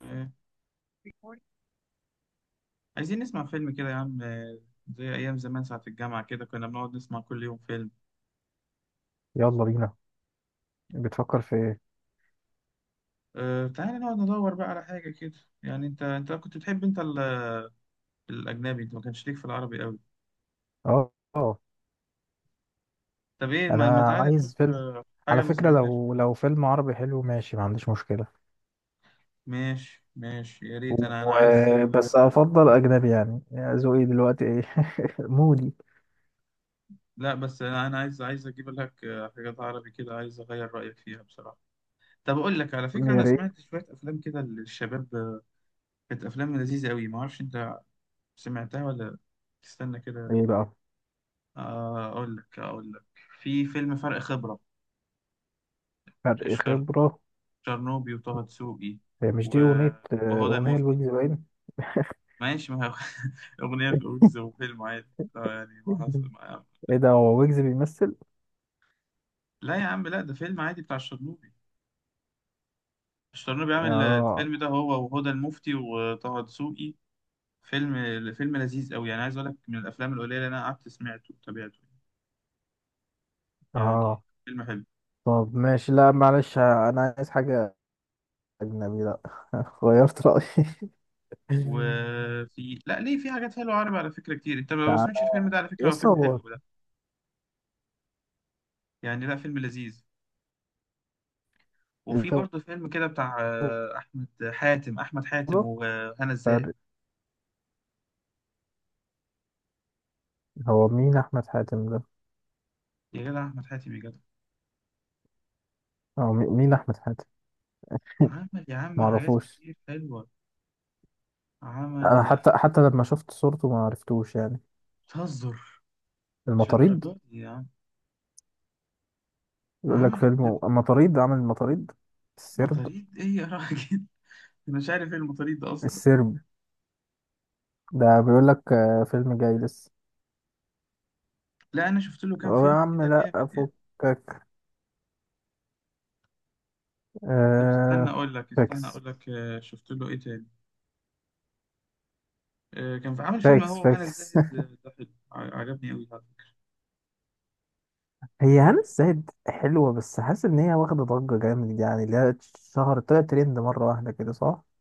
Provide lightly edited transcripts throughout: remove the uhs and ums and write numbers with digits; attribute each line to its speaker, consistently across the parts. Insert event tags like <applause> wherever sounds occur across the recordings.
Speaker 1: آه، عايزين نسمع فيلم كده يا عم. زي أيام زمان ساعة الجامعة كده كنا بنقعد نسمع كل يوم فيلم.
Speaker 2: يلا بينا. بتفكر في ايه؟
Speaker 1: تعالى نقعد ندور بقى على حاجة كده يعني أنت كنت بتحب أنت الأجنبي، أنت ما كانش ليك في العربي قوي.
Speaker 2: اه،
Speaker 1: طب إيه ما
Speaker 2: انا
Speaker 1: تعالى نشوف
Speaker 2: عايز فيلم.
Speaker 1: حاجة
Speaker 2: على
Speaker 1: ما
Speaker 2: فكرة
Speaker 1: سمعناهاش.
Speaker 2: لو فيلم عربي حلو ماشي، ما عنديش مشكلة.
Speaker 1: ماشي ماشي، يا ريت،
Speaker 2: و...
Speaker 1: أنا عايز.
Speaker 2: بس افضل اجنبي يعني. ذوقي دلوقتي ايه؟ <laughs> مودي.
Speaker 1: لا بس أنا عايز أجيب لك حاجات عربي كده، عايز أغير رأيك فيها بصراحة. طب أقول لك على فكرة،
Speaker 2: يا
Speaker 1: أنا
Speaker 2: ريت.
Speaker 1: سمعت شوية أفلام كده للشباب. كانت أفلام لذيذة قوي. ما أعرفش أنت سمعتها ولا؟ تستنى كده.
Speaker 2: ايه بقى؟
Speaker 1: أقول لك أقول لك. في فيلم فرق خبرة،
Speaker 2: فرق
Speaker 1: شر...
Speaker 2: خبرة.
Speaker 1: شرنوبي وطه دسوقي
Speaker 2: هي مش
Speaker 1: و...
Speaker 2: دي اغنية؟
Speaker 1: وهدى
Speaker 2: اغنية
Speaker 1: المفتي.
Speaker 2: الويجز باين.
Speaker 1: ماشي، ما هي <laughs> أغنية في أوكس وفيلم عادي. يعني ما حصل ما...
Speaker 2: ايه ده، هو ويجز بيمثل؟
Speaker 1: لا يا عم، لا، ده فيلم عادي بتاع الشرنوبي. الشرنوبي عامل
Speaker 2: اه
Speaker 1: الفيلم ده، هو وهدى المفتي وطه دسوقي. فيلم لذيذ أوي، يعني عايز أقول لك من الأفلام القليلة اللي أنا قعدت سمعته وتابعته يعني.
Speaker 2: اه.
Speaker 1: فيلم حلو.
Speaker 2: طب ماشي، لا معلش انا عايز حاجة اجنبي، لا. <laughs> غيرت رأيي. <laughs>
Speaker 1: وفي، لا، ليه، في حاجات حلوة عربي على فكرة كتير. أنت ما
Speaker 2: تعالى
Speaker 1: سمعتش الفيلم ده على
Speaker 2: يا
Speaker 1: فكرة، هو
Speaker 2: اسطى.
Speaker 1: فيلم
Speaker 2: هو
Speaker 1: حلو يعني. لا، فيلم لذيذ. وفي
Speaker 2: الخبرة،
Speaker 1: برضه فيلم كده بتاع احمد حاتم. احمد حاتم وهنا الزاهد.
Speaker 2: فرق. هو مين أحمد حاتم ده؟
Speaker 1: يا جدع احمد حاتم، يا جدع!
Speaker 2: مين أحمد حاتم؟ <laughs>
Speaker 1: عمل يا عم حاجات
Speaker 2: معرفوش.
Speaker 1: كتير حلوه.
Speaker 2: أنا
Speaker 1: عمل.
Speaker 2: حتى لما شفت صورته ما عرفتوش يعني.
Speaker 1: بتهزر؟ مش
Speaker 2: المطاريد.
Speaker 1: للدرجات دي يا عم.
Speaker 2: يقول لك
Speaker 1: عمل بجد.
Speaker 2: فيلم المطاريد، عامل المطاريد السرب.
Speaker 1: مطاريد ايه يا راجل؟ <laughs> انا مش عارف ايه المطاريد ده اصلا.
Speaker 2: السرب ده، بيقول لك فيلم جاي لسه.
Speaker 1: لا انا شفت له كام
Speaker 2: هو يا
Speaker 1: فيلم
Speaker 2: عم
Speaker 1: كده
Speaker 2: لا
Speaker 1: جامد يعني.
Speaker 2: أفكك.
Speaker 1: طب استنى
Speaker 2: آه
Speaker 1: اقول لك، استنى
Speaker 2: فاكس
Speaker 1: اقول لك. شفت له ايه تاني. كان في عامل فيلم
Speaker 2: فاكس
Speaker 1: هو، هنا
Speaker 2: فاكس.
Speaker 1: الزاهد
Speaker 2: <laughs>
Speaker 1: آه، ده حلو، عجبني قوي.
Speaker 2: هي هنا الزاهد حلوة، بس حاسس إن هي واخدة ضجة جامد، يعني اللي هي شهر طلعت ترند مرة واحدة كده، صح؟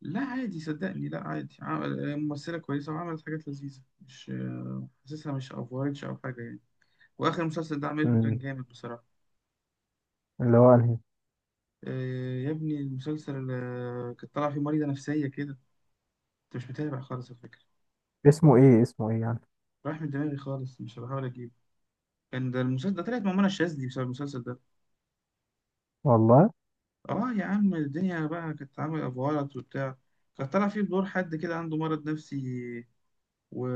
Speaker 1: لا عادي صدقني، لا عادي. ممثلة كويسة وعملت حاجات لذيذة، مش حاسسها مش أفورتش أو حاجة يعني. وآخر مسلسل ده عملته كان
Speaker 2: مم.
Speaker 1: جامد بصراحة.
Speaker 2: اللي هو أنهي؟
Speaker 1: يا ابني المسلسل، كانت طالعة فيه مريضة نفسية كده. أنت مش متابع خالص على فكرة.
Speaker 2: اسمه ايه، اسمه ايه يعني؟
Speaker 1: راح من دماغي خالص، مش بحاول أجيبه. كان ده المسلسل ده طلعت مع منى الشاذلي بسبب المسلسل ده.
Speaker 2: والله.
Speaker 1: يا عم الدنيا بقى كانت عاملة أفورت وبتاع. كانت طالعة فيه بدور حد كده عنده مرض نفسي و...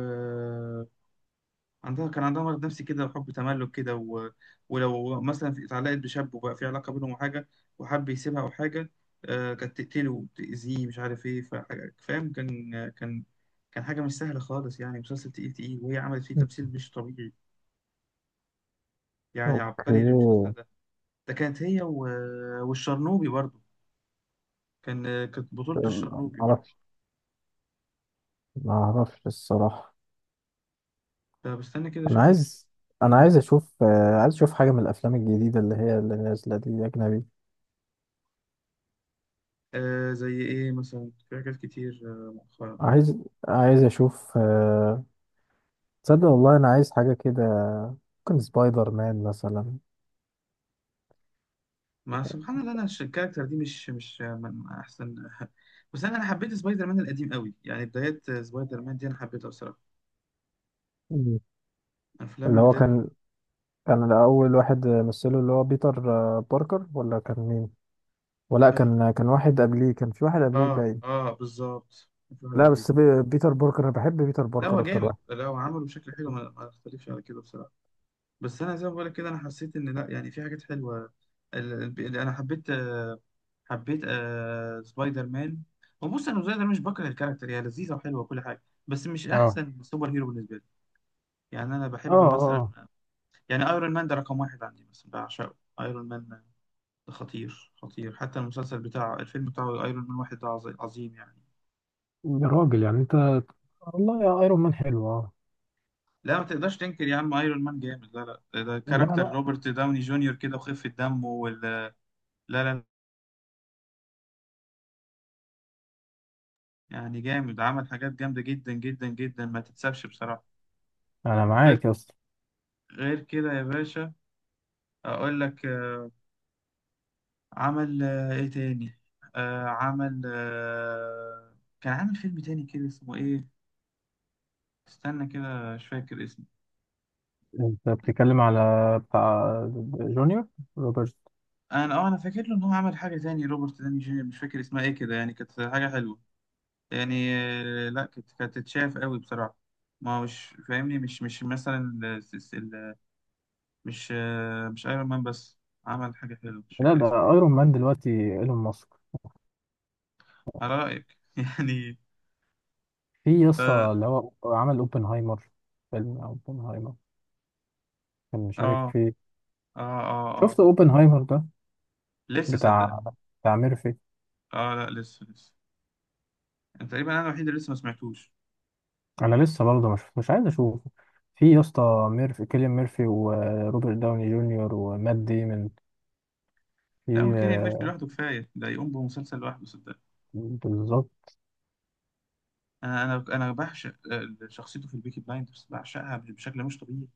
Speaker 1: عندها كان عندها مرض نفسي كده، وحب تملك كده، ولو مثلا اتعلقت بشاب وبقى في علاقة بينهم وحاجة، وحب يسيبها أو حاجة. آه، كانت تقتله وتأذيه، مش عارف إيه، فحاجة فاهم. كان حاجة مش سهلة خالص يعني. مسلسل تقيل وهي عملت فيه تمثيل مش طبيعي، يعني
Speaker 2: اوكي.
Speaker 1: عبقري للمسلسل ده. ده كانت هي والشرنوبي برضو، كان كانت بطولة
Speaker 2: ما
Speaker 1: الشرنوبي برضو.
Speaker 2: اعرفش، ما اعرفش الصراحه.
Speaker 1: ده بستنى كده
Speaker 2: انا
Speaker 1: أشوف لك
Speaker 2: عايز انا
Speaker 1: مم.
Speaker 2: عايز اشوف، عايز اشوف حاجه من الافلام الجديده اللي هي اللي نازله دي، اجنبي.
Speaker 1: آه زي إيه مثلا؟ في حاجات كتير مؤخرا.
Speaker 2: عايز عايز اشوف، تصدق والله انا عايز حاجه كده. ممكن سبايدر مان مثلا.
Speaker 1: ما سبحان الله، انا الكاركتر دي مش، مش من احسن <laughs> بس انا، حبيت سبايدر مان القديم قوي يعني، بدايات سبايدر مان دي انا حبيتها بصراحه.
Speaker 2: مم.
Speaker 1: افلام
Speaker 2: اللي هو
Speaker 1: البدايات.
Speaker 2: كان اول واحد مثله اللي هو بيتر، باركر، ولا كان مين؟ ولا كان واحد قبليه، كان في واحد قبليه
Speaker 1: اه
Speaker 2: باين.
Speaker 1: اه، بالظبط، مفيش واحد
Speaker 2: لا بس
Speaker 1: قبليه.
Speaker 2: بيتر باركر، انا بحب بيتر
Speaker 1: لا هو
Speaker 2: باركر اكتر
Speaker 1: جامد،
Speaker 2: واحد.
Speaker 1: لا هو عمله بشكل حلو، ما اختلفش على كده بصراحه. بس انا زي ما بقول لك كده، انا حسيت ان لا يعني في حاجات حلوه. اللي انا حبيت، حبيت آه سبايدر مان. هو بص، انا سبايدر مان مش بكره الكاركتر، هي لذيذه وحلوه وكل حاجه، بس مش
Speaker 2: اه
Speaker 1: احسن سوبر هيرو بالنسبه لي. يعني انا
Speaker 2: اه
Speaker 1: بحب مثلا،
Speaker 2: اه.
Speaker 1: يعني ايرون مان ده رقم واحد عندي مثلا، بعشقه ايرون مان ده. خطير حتى المسلسل بتاع الفيلم بتاعه ايرون مان واحد ده عظيم يعني.
Speaker 2: يا راجل يعني انت، والله يا ايرون مان حلو اه.
Speaker 1: لا ما تقدرش تنكر يا عم، ايرون مان جامد. لا لا، ده
Speaker 2: انما
Speaker 1: كاركتر
Speaker 2: لا.
Speaker 1: روبرت داوني جونيور كده، وخفة دمه. يعني جامد، عمل حاجات جامدة جدا جدا جدا ما تتسابش بصراحة.
Speaker 2: انا
Speaker 1: وغير
Speaker 2: معاك يا اسطى.
Speaker 1: غير كده يا باشا، اقول لك، عمل ايه تاني؟ عمل آه، كان عامل فيلم تاني كده اسمه ايه؟ استنى كده مش فاكر اسمه.
Speaker 2: انت بتتكلم على بتاع جونيور، روبرت.
Speaker 1: انا فاكر له ان هو عمل حاجه تاني، روبرت داني جونيور، مش فاكر اسمها ايه كده يعني. كانت حاجه حلوه يعني، لا كانت تتشاف قوي بصراحه. ما هو مش فاهمني، مش، مش مثلا الس- ال- مش مش ايرون مان بس، عمل حاجه حلوه مش
Speaker 2: لا
Speaker 1: فاكر
Speaker 2: ده
Speaker 1: اسمها إيه.
Speaker 2: ايرون مان دلوقتي ايلون ماسك.
Speaker 1: على رايك <laughs> يعني.
Speaker 2: في يا اسطى
Speaker 1: اه
Speaker 2: اللي هو عمل اوبنهايمر. فيلم اوبنهايمر كان مشارك
Speaker 1: اه.
Speaker 2: فيه. شفت
Speaker 1: صح.
Speaker 2: اوبنهايمر ده
Speaker 1: لسه صدقني.
Speaker 2: بتاع، بتاع ميرفي.
Speaker 1: اه لا لسه. أنا تقريبا الوحيد اللي لسه ما سمعتوش.
Speaker 2: انا لسه برضه ما شفتوش، عايز اشوفه. في يا اسطى ميرفي، كيليان ميرفي وروبرت داوني جونيور ومات ديمون.
Speaker 1: لا
Speaker 2: في
Speaker 1: هو كيليان ميرفي
Speaker 2: آه،
Speaker 1: لوحده كفايه، ده يقوم بمسلسل لوحده صدقني.
Speaker 2: بالظبط.
Speaker 1: انا انا انا بعشق شخصيته في البيكي بلايندرز، بعشقها بشكل مش طبيعي.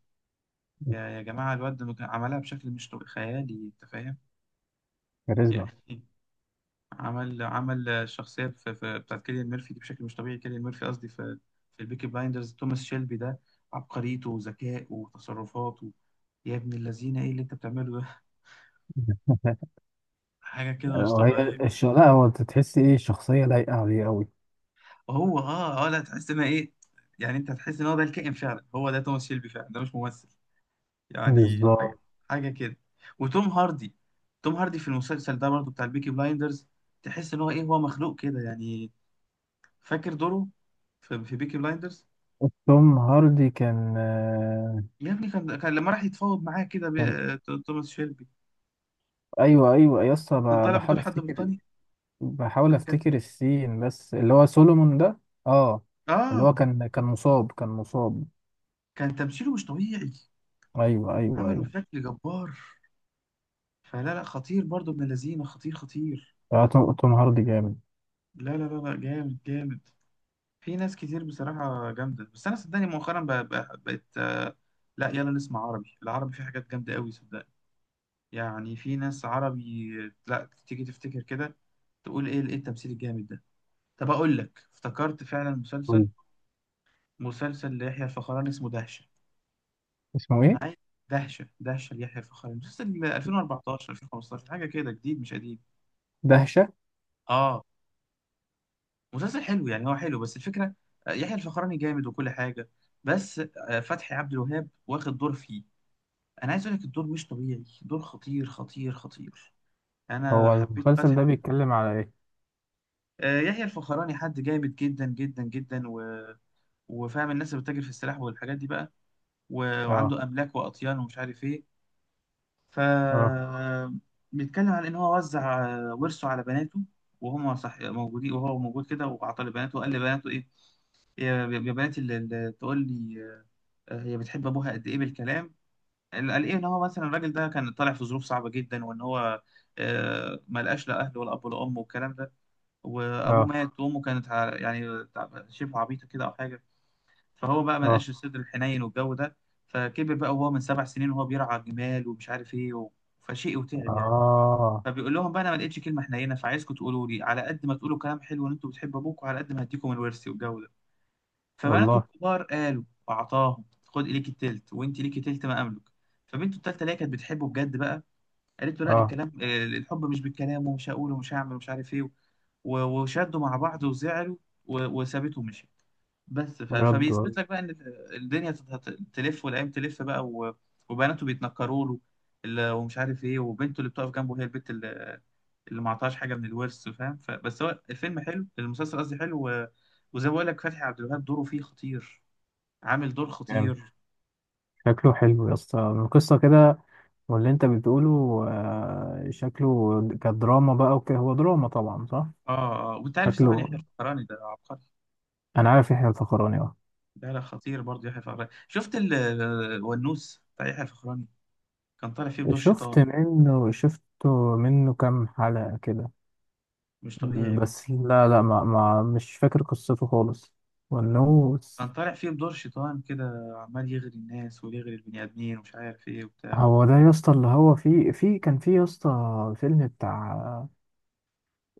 Speaker 1: يا جماعة، الواد عملها بشكل مش طبيعي خيالي، أنت فاهم؟
Speaker 2: كاريزما.
Speaker 1: يعني <laughs> عمل الشخصية في بتاعت كيليان ميرفي دي بشكل مش طبيعي، كيليان ميرفي قصدي، في البيكي بلايندرز، توماس شيلبي ده، عبقريته وذكائه وتصرفاته. يا ابن اللذينة، إيه اللي أنت بتعمله ده؟ <laughs>
Speaker 2: <laughs>
Speaker 1: حاجة كده مش
Speaker 2: وهي
Speaker 1: طبيعية.
Speaker 2: لا هو انت تحس ايه، شخصية لايقة عليه قوي.
Speaker 1: هو أه أه لا، تحس إن إيه، يعني أنت هتحس إن هو ده الكائن فعلا، هو ده توماس شيلبي فعلا، ده مش ممثل يعني. حاجة
Speaker 2: بالظبط.
Speaker 1: كده. وتوم هاردي، توم هاردي في المسلسل ده برضو بتاع البيكي بلايندرز، تحس ان هو ايه، هو مخلوق كده يعني. فاكر دوره في, في بيكي بلايندرز؟
Speaker 2: توم هاردي كان آه،
Speaker 1: يا ابني كان لما راح يتفاوض معاه كده
Speaker 2: كان.
Speaker 1: توماس شيلبي،
Speaker 2: ايوه ايوه يا اسطى،
Speaker 1: كان طالع بدور
Speaker 2: بحاول
Speaker 1: حد
Speaker 2: افتكر،
Speaker 1: بريطاني. ده
Speaker 2: بحاول
Speaker 1: كان،
Speaker 2: افتكر السين بس اللي هو سولومون ده. اه. اللي هو
Speaker 1: اه،
Speaker 2: كان مصاب، كان مصاب.
Speaker 1: كان تمثيله مش طبيعي،
Speaker 2: ايوه ايوه
Speaker 1: عمله
Speaker 2: ايوه.
Speaker 1: بشكل جبار. فلا لا، خطير برضو، ابن الذين خطير
Speaker 2: آه، توم هاردي جامد.
Speaker 1: لا لا لا لا جامد جامد. في ناس كتير بصراحة جامدة، بس أنا صدقني مؤخرا بقى بقى بقيت، لا يلا نسمع عربي. العربي فيه حاجات جامدة قوي صدقني. يعني في ناس عربي، لا تيجي تفتكر كده، تقول إيه، إيه التمثيل الجامد ده! طب أقول لك افتكرت فعلا مسلسل،
Speaker 2: قول.
Speaker 1: ليحيى الفخراني اسمه دهشة.
Speaker 2: اسمه
Speaker 1: أنا
Speaker 2: ايه؟
Speaker 1: عايز دهشة ليحيى الفخراني، مسلسل 2014 2015 حاجة كده، جديد مش قديم.
Speaker 2: دهشة.
Speaker 1: آه مسلسل حلو يعني، هو حلو بس الفكرة، يحيى الفخراني جامد وكل حاجة، بس فتحي عبد الوهاب واخد دور فيه، انا عايز اقول لك الدور مش طبيعي، دور خطير خطير. انا
Speaker 2: هو
Speaker 1: حبيت
Speaker 2: المسلسل ده بيتكلم على ايه؟
Speaker 1: يحيى الفخراني حد جامد جدا جدا جدا، وفاهم الناس اللي بتتاجر في السلاح والحاجات دي بقى و...
Speaker 2: اه
Speaker 1: وعنده املاك واطيان ومش عارف ايه. ف
Speaker 2: اه
Speaker 1: بيتكلم عن ان هو وزع ورثه على بناته، وهم صح موجودين، وهو موجود كده، وعطى لبناته وقال لبناته ايه، يا بنات، اللي تقول لي هي بتحب ابوها قد ايه بالكلام. اللي قال ايه، ان هو مثلا الراجل ده كان طالع في ظروف صعبه جدا، وان هو ما لقاش لا اهله ولا اب ولا ام والكلام ده. وابوه
Speaker 2: اه
Speaker 1: مات وامه كانت شبه عبيطه كده او حاجه، فهو بقى ما
Speaker 2: اه
Speaker 1: لقاش الصدر الحنين والجو ده. فكبر بقى وهو من 7 سنين وهو بيرعى جمال ومش عارف ايه، فشيء وتعب يعني.
Speaker 2: اه.
Speaker 1: فبيقول لهم بقى انا ما لقيتش كلمه حنينه، فعايزكم تقولوا لي على قد ما تقولوا كلام حلو ان انتوا بتحبوا ابوكم، على قد ما هديكم الورث والجو ده. فبناته
Speaker 2: والله.
Speaker 1: الكبار قالوا، أعطاهم، خد ليكي التلت وأنت ليكي تلت ما أملك. فبنته التالتة اللي هي كانت بتحبه بجد بقى، قالت له لا،
Speaker 2: اه.
Speaker 1: الكلام، الحب مش بالكلام، ومش هقول ومش هعمل ومش عارف إيه. وشدوا مع بعض وزعلوا، وسابته ومشي. بس
Speaker 2: بجد والله.
Speaker 1: فبيثبت لك بقى ان الدنيا هتلف والايام تلف بقى، وبناته بيتنكروا له ومش عارف ايه. وبنته اللي بتقف جنبه هي البت اللي ما عطاهاش حاجه من الورث فاهم. بس هو الفيلم حلو، المسلسل قصدي حلو، وزي ما بقول لك فتحي عبد الوهاب دوره فيه خطير، عامل دور
Speaker 2: جامد.
Speaker 1: خطير.
Speaker 2: شكله حلو يا اسطى من القصة كده واللي انت بتقوله. آه، شكله كدراما بقى وكده، هو دراما طبعا صح.
Speaker 1: اه اه، وانت عارف طبعا
Speaker 2: شكله.
Speaker 1: يحيى الفخراني ده عبقري.
Speaker 2: انا عارف يحيى الفخراني اه.
Speaker 1: ده لا خطير برضه يحيى الفخراني. شفت الونوس بتاع يحيى الفخراني؟ كان طالع فيه بدور شيطان
Speaker 2: شفت منه، شفته منه كام حلقة كده.
Speaker 1: مش طبيعي.
Speaker 2: بس لا لا ما مش فاكر قصته خالص وانه.
Speaker 1: كان طالع فيه بدور شيطان كده، عمال يغري الناس ويغري البني آدمين ومش عارف إيه وبتاع.
Speaker 2: هو ده يا اسطى اللي هو في كان في يا اسطى فيلم بتاع،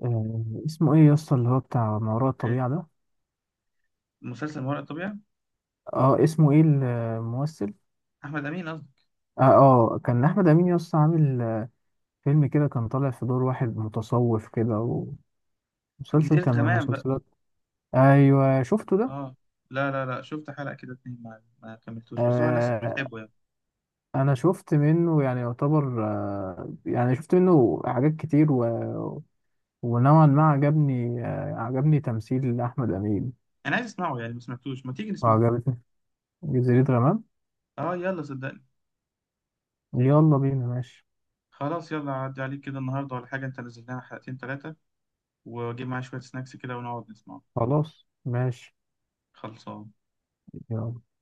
Speaker 2: اسمه ايه يا اسطى اللي هو بتاع ما وراء
Speaker 1: إيه؟
Speaker 2: الطبيعة ده.
Speaker 1: مسلسل ما وراء الطبيعة،
Speaker 2: اه اسمه ايه الممثل؟
Speaker 1: أحمد أمين قصدي.
Speaker 2: اه آه، كان احمد امين يا اسطى عامل آه، فيلم كده كان طالع في دور واحد متصوف كده. ومسلسل
Speaker 1: جزيرة
Speaker 2: كان من
Speaker 1: غمام بقى.
Speaker 2: المسلسلات. ايوه شفته ده.
Speaker 1: آه. لا لا لا، شفت حلقة كده اتنين ما كملتوش، بس هو ناس
Speaker 2: آه
Speaker 1: بتحبه يعني.
Speaker 2: انا شفت منه يعني يعتبر، آه يعني شفت منه حاجات كتير ونوعا ما عجبني، آه عجبني تمثيل احمد امين.
Speaker 1: أنا عايز أسمعه يعني، ما سمعتوش، ما تيجي نسمعه.
Speaker 2: وعجبتني جزيرة غمام.
Speaker 1: آه يلا صدقني.
Speaker 2: يلا بينا ماشي.
Speaker 1: خلاص يلا، عدي عليك كده النهاردة ولا حاجة، أنت نزل لنا حلقتين تلاتة، وأجيب معايا شوية سناكس كده ونقعد نسمعه.
Speaker 2: خلاص ماشي.
Speaker 1: خلصان.
Speaker 2: يلا